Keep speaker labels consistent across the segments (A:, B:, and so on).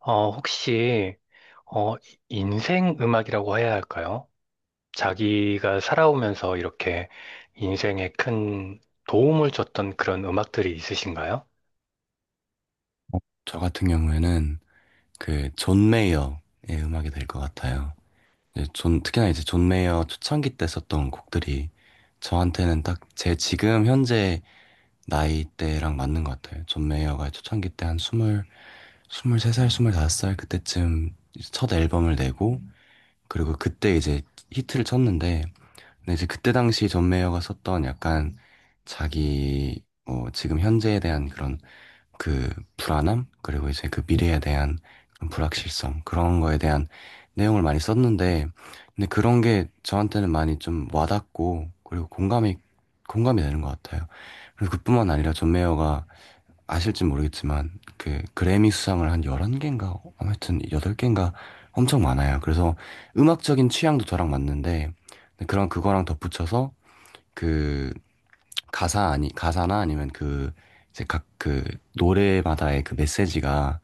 A: 혹시, 어, 인생 음악이라고 해야 할까요? 자기가 살아오면서 이렇게 인생에 큰 도움을 줬던 그런 음악들이 있으신가요?
B: 저 같은 경우에는 그 존 메이어의 음악이 될 것 같아요. 이제 존, 특히나 이제 존 메이어 초창기 때 썼던 곡들이 저한테는 딱 제 지금 현재 나이대랑 맞는 것 같아요. 존 메이어가 초창기 때 한 스물, 스물세 살, 스물다섯 살 그때쯤 이제 첫 앨범을 내고 그리고 그때 이제 히트를 쳤는데, 근데 이제 그때 당시 존 메이어가 썼던 약간 자기 뭐 지금 현재에 대한 그런 그 불안함 그리고 이제 그 미래에 대한 그런 불확실성, 그런 거에 대한 내용을 많이 썼는데, 근데 그런 게 저한테는 많이 좀 와닿고 그리고 공감이 되는 것 같아요. 그래서 그뿐만 아니라 존 메이어가, 아실지 모르겠지만, 그 그래미 수상을 한 11개인가 아무튼 8개인가 엄청 많아요. 그래서 음악적인 취향도 저랑 맞는데, 근데 그런 그거랑 덧붙여서 그 가사, 아니 가사나 아니면 그 이제 각 그 노래마다의 그 메시지가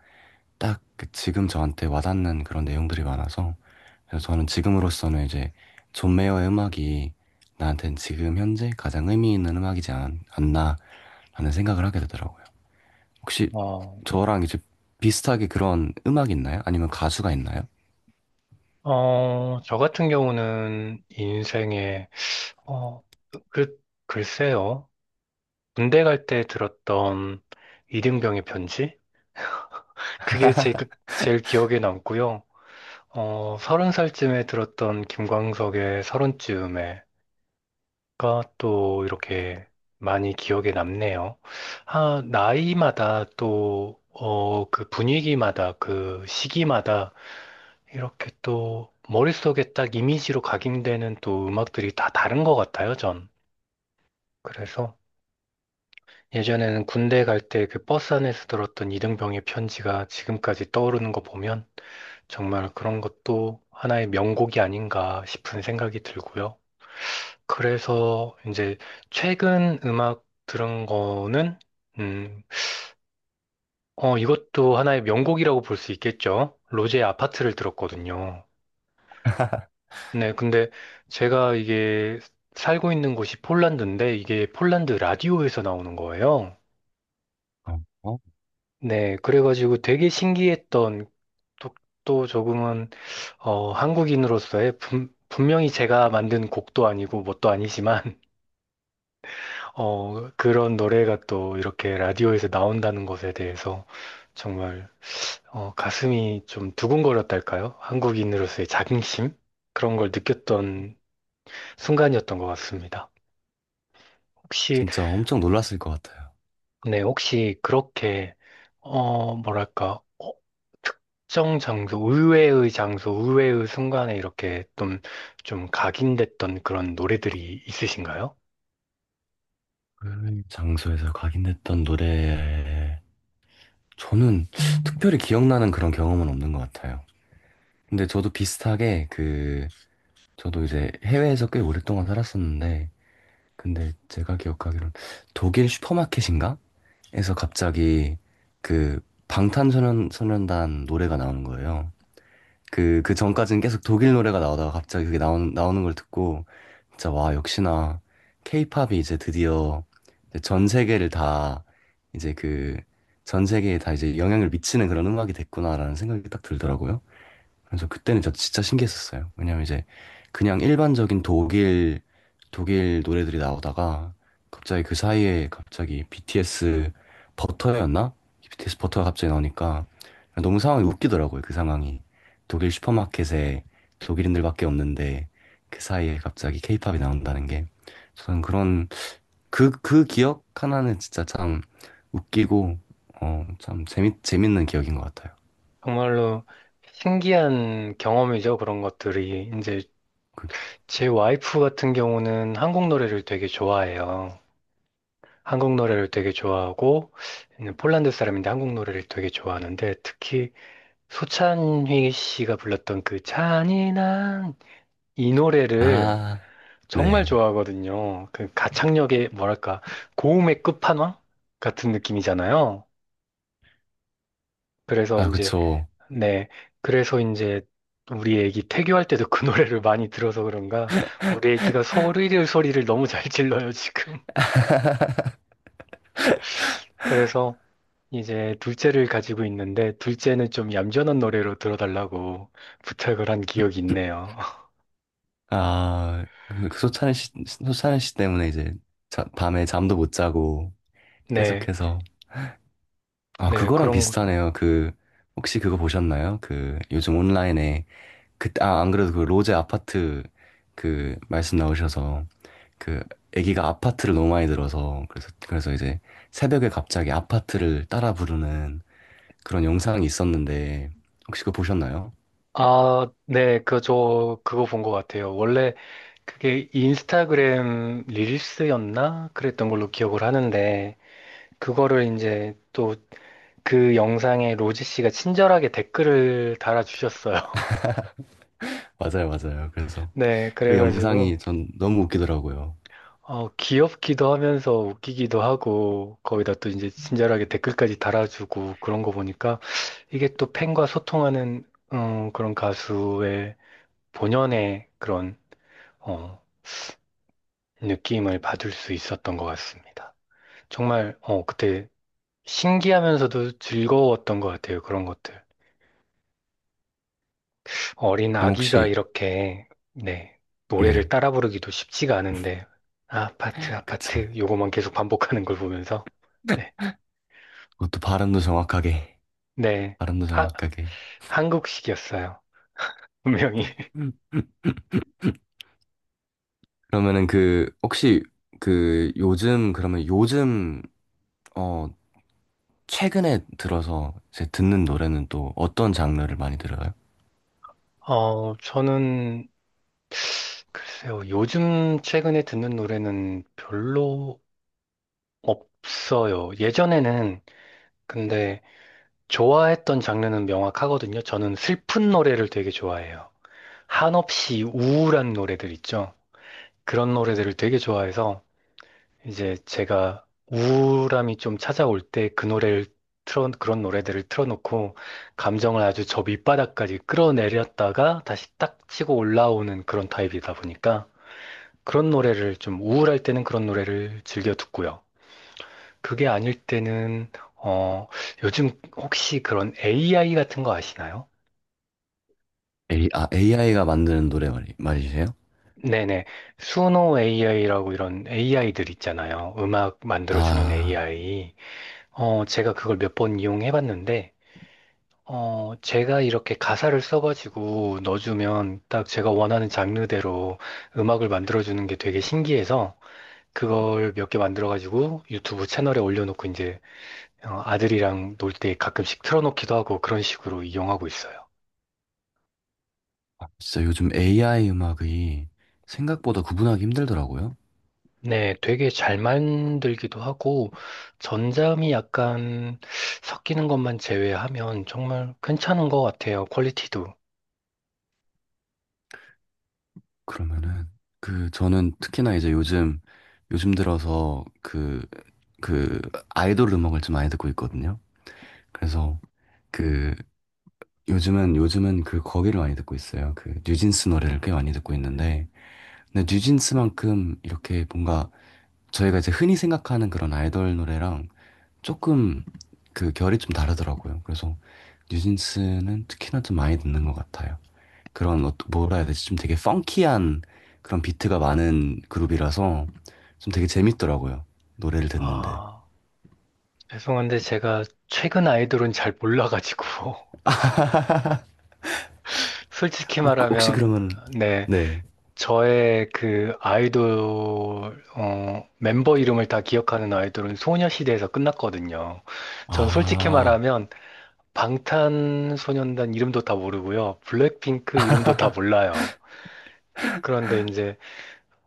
B: 딱그 지금 저한테 와닿는 그런 내용들이 많아서, 그래서 저는 지금으로서는 이제 존 메이어의 음악이 나한테는 지금 현재 가장 의미 있는 음악이지 않, 나 라는 생각을 하게 되더라고요. 혹시
A: 어,
B: 저랑 이제 비슷하게 그런 음악 있나요? 아니면 가수가 있나요?
A: 저 같은 경우는 인생에, 어, 그, 글쎄요. 군대 갈 때 들었던 이등병의 편지? 그게 제일 기억에 남고요. 30살쯤에 들었던 김광석의 서른쯤에 가또 이렇게 많이 기억에 남네요. 아, 나이마다 또, 그 분위기마다 그 시기마다 이렇게 또 머릿속에 딱 이미지로 각인되는 또 음악들이 다 다른 것 같아요, 전. 그래서 예전에는 군대 갈 때 그 버스 안에서 들었던 이등병의 편지가 지금까지 떠오르는 거 보면 정말 그런 것도 하나의 명곡이 아닌가 싶은 생각이 들고요. 그래서 이제 최근 음악 들은 거는 음, 이것도 하나의 명곡이라고 볼 수 있겠죠. 로제의 아파트를 들었거든요. 네, 근데 제가 이게 살고 있는 곳이 폴란드인데 이게 폴란드 라디오에서 나오는 거예요.
B: 어, 어?
A: 네, 그래가지고 되게 신기했던 또, 또 조금은 한국인으로서의 분명히 제가 만든 곡도 아니고 뭣도 아니지만 그런 노래가 또 이렇게 라디오에서 나온다는 것에 대해서 정말 가슴이 좀 두근거렸달까요? 한국인으로서의 자긍심? 그런 걸 느꼈던 순간이었던 것 같습니다. 혹시,
B: 진짜 엄청 놀랐을 것 같아요.
A: 네, 혹시 그렇게, 뭐랄까, 특정 장소, 의외의 장소, 의외의 순간에 이렇게 좀 각인됐던 그런 노래들이 있으신가요?
B: 그 장소에서 각인됐던 노래, 저는 특별히 기억나는 그런 경험은 없는 것 같아요. 근데 저도 비슷하게 그, 저도 이제 해외에서 꽤 오랫동안 살았었는데, 근데 제가 기억하기로는 독일 슈퍼마켓인가? 에서 갑자기 그 방탄소년단 노래가 나오는 거예요. 그, 그 전까지는 계속 독일 노래가 나오다가 갑자기 그게 나오는 걸 듣고, 진짜 와, 역시나, 케이팝이 이제 드디어 이제 전 세계를 다, 이제 그, 전 세계에 다 이제 영향을 미치는 그런 음악이 됐구나라는 생각이 딱 들더라고요. 그래서 그때는 저 진짜 신기했었어요. 왜냐면 이제 그냥 일반적인 독일 노래들이 나오다가 갑자기 그 사이에 갑자기 BTS 버터였나, BTS 버터가 갑자기 나오니까 너무 상황이 웃기더라고요. 그 상황이 독일 슈퍼마켓에 독일인들밖에 없는데 그 사이에 갑자기 케이팝이 나온다는 게, 저는 그런 그 기억 하나는 진짜 참 웃기고 어 참 재밌는 기억인 것 같아요.
A: 정말로 신기한 경험이죠. 그런 것들이 이제
B: 그-
A: 제 와이프 같은 경우는 한국 노래를 되게 좋아해요. 한국 노래를 되게 좋아하고, 는 폴란드 사람인데 한국 노래를 되게 좋아하는데, 특히 소찬휘 씨가 불렀던 그 잔인한 이 노래를
B: 아,
A: 정말
B: 네.
A: 좋아하거든요. 그 가창력의 뭐랄까, 고음의 끝판왕 같은 느낌이잖아요. 그래서
B: 아,
A: 이제,
B: 그쵸.
A: 네. 그래서 이제 우리 애기 태교할 때도 그 노래를 많이 들어서 그런가, 우리 애기가 소리를 너무 잘 질러요, 지금. 그래서 이제 둘째를 가지고 있는데 둘째는 좀 얌전한 노래로 들어달라고 부탁을 한 기억이 있네요.
B: 아, 그, 그 소찬이 씨, 소찬이 씨 때문에 이제 밤에 잠도 못 자고
A: 네,
B: 계속해서. 아,
A: 네,
B: 그거랑
A: 그런 것.
B: 비슷하네요. 그, 혹시 그거 보셨나요? 그, 요즘 온라인에, 그, 아, 안 그래도 그 로제 아파트 그 말씀 나오셔서 그 애기가 아파트를 너무 많이 들어서, 그래서, 그래서 이제 새벽에 갑자기 아파트를 따라 부르는 그런 영상이 있었는데 혹시 그거 보셨나요?
A: 아, 네, 그거 본 것 같아요. 원래 그게 인스타그램 릴스였나? 그랬던 걸로 기억을 하는데, 그거를 이제 또 그 영상에 로지 씨가 친절하게 댓글을 달아주셨어요.
B: 맞아요, 맞아요, 그래서.
A: 네,
B: 그
A: 그래가지고,
B: 영상이 전 너무 웃기더라고요.
A: 귀엽기도 하면서 웃기기도 하고, 거기다 또 이제 친절하게 댓글까지 달아주고 그런 거 보니까 이게 또 팬과 소통하는 그런 가수의 본연의 그런 어, 느낌을 받을 수 있었던 것 같습니다. 정말 그때 신기하면서도 즐거웠던 것 같아요. 그런 것들. 어린
B: 그럼
A: 아기가
B: 혹시,
A: 이렇게 네, 노래를
B: 네,
A: 따라 부르기도 쉽지가 않은데 아파트
B: 그쵸.
A: 아파트 요거만 계속 반복하는 걸 보면서 네.
B: 그것도 발음도 정확하게,
A: 네.
B: 발음도
A: 하,
B: 정확하게.
A: 한국식이었어요. 분명히.
B: 음. 그러면은 그, 혹시 그 요즘, 그러면 요즘, 어, 최근에 들어서 이제 듣는 노래는 또 어떤 장르를 많이 들어요?
A: 저는 글쎄요. 요즘 최근에 듣는 노래는 별로 없어요. 예전에는 근데 좋아했던 장르는 명확하거든요. 저는 슬픈 노래를 되게 좋아해요. 한없이 우울한 노래들 있죠. 그런 노래들을 되게 좋아해서 이제 제가 우울함이 좀 찾아올 때 그 노래를 그런 노래들을 틀어놓고 감정을 아주 저 밑바닥까지 끌어내렸다가 다시 딱 치고 올라오는 그런 타입이다 보니까 그런 노래를 좀 우울할 때는 그런 노래를 즐겨 듣고요. 그게 아닐 때는, 어, 요즘 혹시 그런 AI 같은 거 아시나요?
B: A, 아, AI가 만드는 노래 말이세요?
A: 네네. 수노 AI라고 이런 AI들 있잖아요. 음악 만들어주는
B: 아,
A: AI. 제가 그걸 몇 번 이용해 봤는데, 제가 이렇게 가사를 써가지고 넣어주면 딱 제가 원하는 장르대로 음악을 만들어주는 게 되게 신기해서 그걸 몇 개 만들어가지고 유튜브 채널에 올려놓고 이제 아들이랑 놀 때 가끔씩 틀어놓기도 하고 그런 식으로 이용하고 있어요.
B: 아, 진짜 요즘 AI 음악이 생각보다 구분하기 힘들더라고요.
A: 네, 되게 잘 만들기도 하고 전자음이 약간 섞이는 것만 제외하면 정말 괜찮은 것 같아요. 퀄리티도.
B: 그러면은 그 저는 특히나 이제 요즘 요즘 들어서 그 그 아이돌 음악을 좀 많이 듣고 있거든요. 그래서 그 요즘은 그 거기를 많이 듣고 있어요. 그 뉴진스 노래를 꽤 많이 듣고 있는데, 근데 뉴진스만큼 이렇게 뭔가 저희가 이제 흔히 생각하는 그런 아이돌 노래랑 조금 그 결이 좀 다르더라고요. 그래서 뉴진스는 특히나 좀 많이 듣는 것 같아요. 그런 어, 뭐라 해야 되지? 좀 되게 펑키한 그런 비트가 많은 그룹이라서 좀 되게 재밌더라고요, 노래를 듣는데.
A: 아, 죄송한데 제가 최근 아이돌은 잘 몰라가지고. 솔직히
B: 혹시
A: 말하면,
B: 그러면
A: 네.
B: 네.
A: 저의 그 아이돌, 멤버 이름을 다 기억하는 아이돌은 소녀시대에서 끝났거든요. 전 솔직히
B: 아,
A: 말하면, 방탄소년단 이름도 다 모르고요. 블랙핑크 이름도 다 몰라요. 그런데 이제,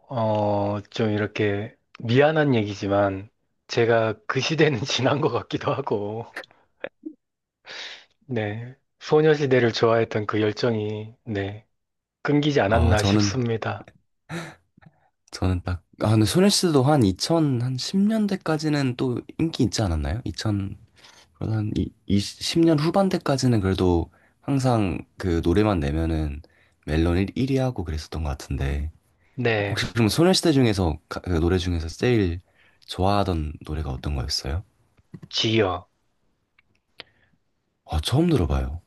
A: 좀 이렇게 미안한 얘기지만, 제가 그 시대는 지난 것 같기도 하고, 네. 소녀시대를 좋아했던 그 열정이, 네. 끊기지
B: 아
A: 않았나
B: 저는
A: 싶습니다.
B: 저는 딱, 아, 근데 소녀시대도 한 2000, 한 10년대까지는 또 인기 있지 않았나요? 2000, 그러다 한 20년 후반대까지는 그래도 항상 그 노래만 내면은 멜론 1위 하고 그랬었던 것 같은데.
A: 네.
B: 혹시 그럼 소녀시대 중에서 그 노래 중에서 제일 좋아하던 노래가 어떤 거였어요?
A: 지요.
B: 아, 처음 들어봐요.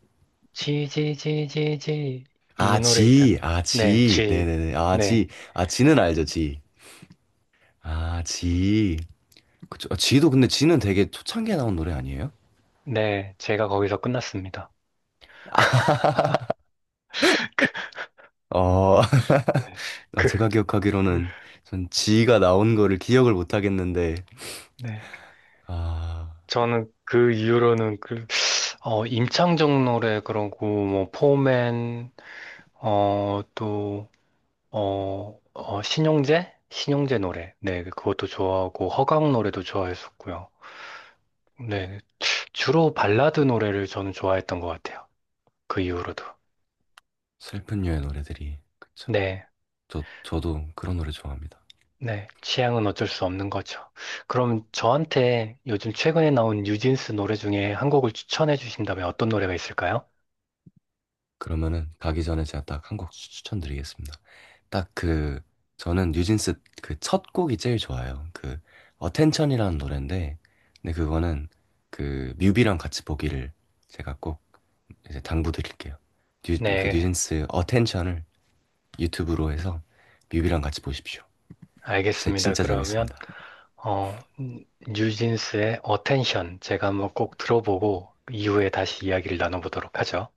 A: 지, 지, 지, 지, 지. 이
B: 아,
A: 노래 있잖아.
B: 지, 아,
A: 네,
B: 지,
A: 지.
B: 네네네, 아,
A: 네,
B: 지, 아, 지는 알죠, 지. 아, 지. 그쵸. 아, 지도 근데 지는 되게 초창기에 나온 노래 아니에요?
A: 네. 제가 거기서 끝났습니다.
B: 어, 아,
A: 네,
B: 제가 기억하기로는 전 지가 나온 거를 기억을 못 하겠는데,
A: 네.
B: 아,
A: 저는 그 이후로는 임창정 노래 그러고, 뭐, 포맨, 또, 신용재? 신용재 노래. 네, 그것도 좋아하고, 허각 노래도 좋아했었고요. 네. 주로 발라드 노래를 저는 좋아했던 것 같아요. 그 이후로도.
B: 슬픈 유의 노래들이. 그쵸.
A: 네.
B: 저, 저도 그런 노래 좋아합니다.
A: 네, 취향은 어쩔 수 없는 거죠. 그럼 저한테 요즘 최근에 나온 뉴진스 노래 중에 한 곡을 추천해 주신다면 어떤 노래가 있을까요?
B: 그러면은 가기 전에 제가 딱 한 곡 추천드리겠습니다. 딱 그 저는 뉴진스 그 첫 곡이 제일 좋아요. 그 어텐션이라는 노래인데, 근데 그거는 그 뮤비랑 같이 보기를 제가 꼭 이제 당부드릴게요. 뉴, 그
A: 네,
B: 뉴진스 어텐션을 유튜브로 해서 뮤비랑 같이 보십시오. 진짜,
A: 알겠습니다.
B: 진짜
A: 그러면
B: 재밌습니다.
A: 뉴진스의 Attention 제가 한번 꼭 들어보고 이후에 다시 이야기를 나눠보도록 하죠.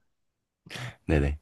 B: 네네.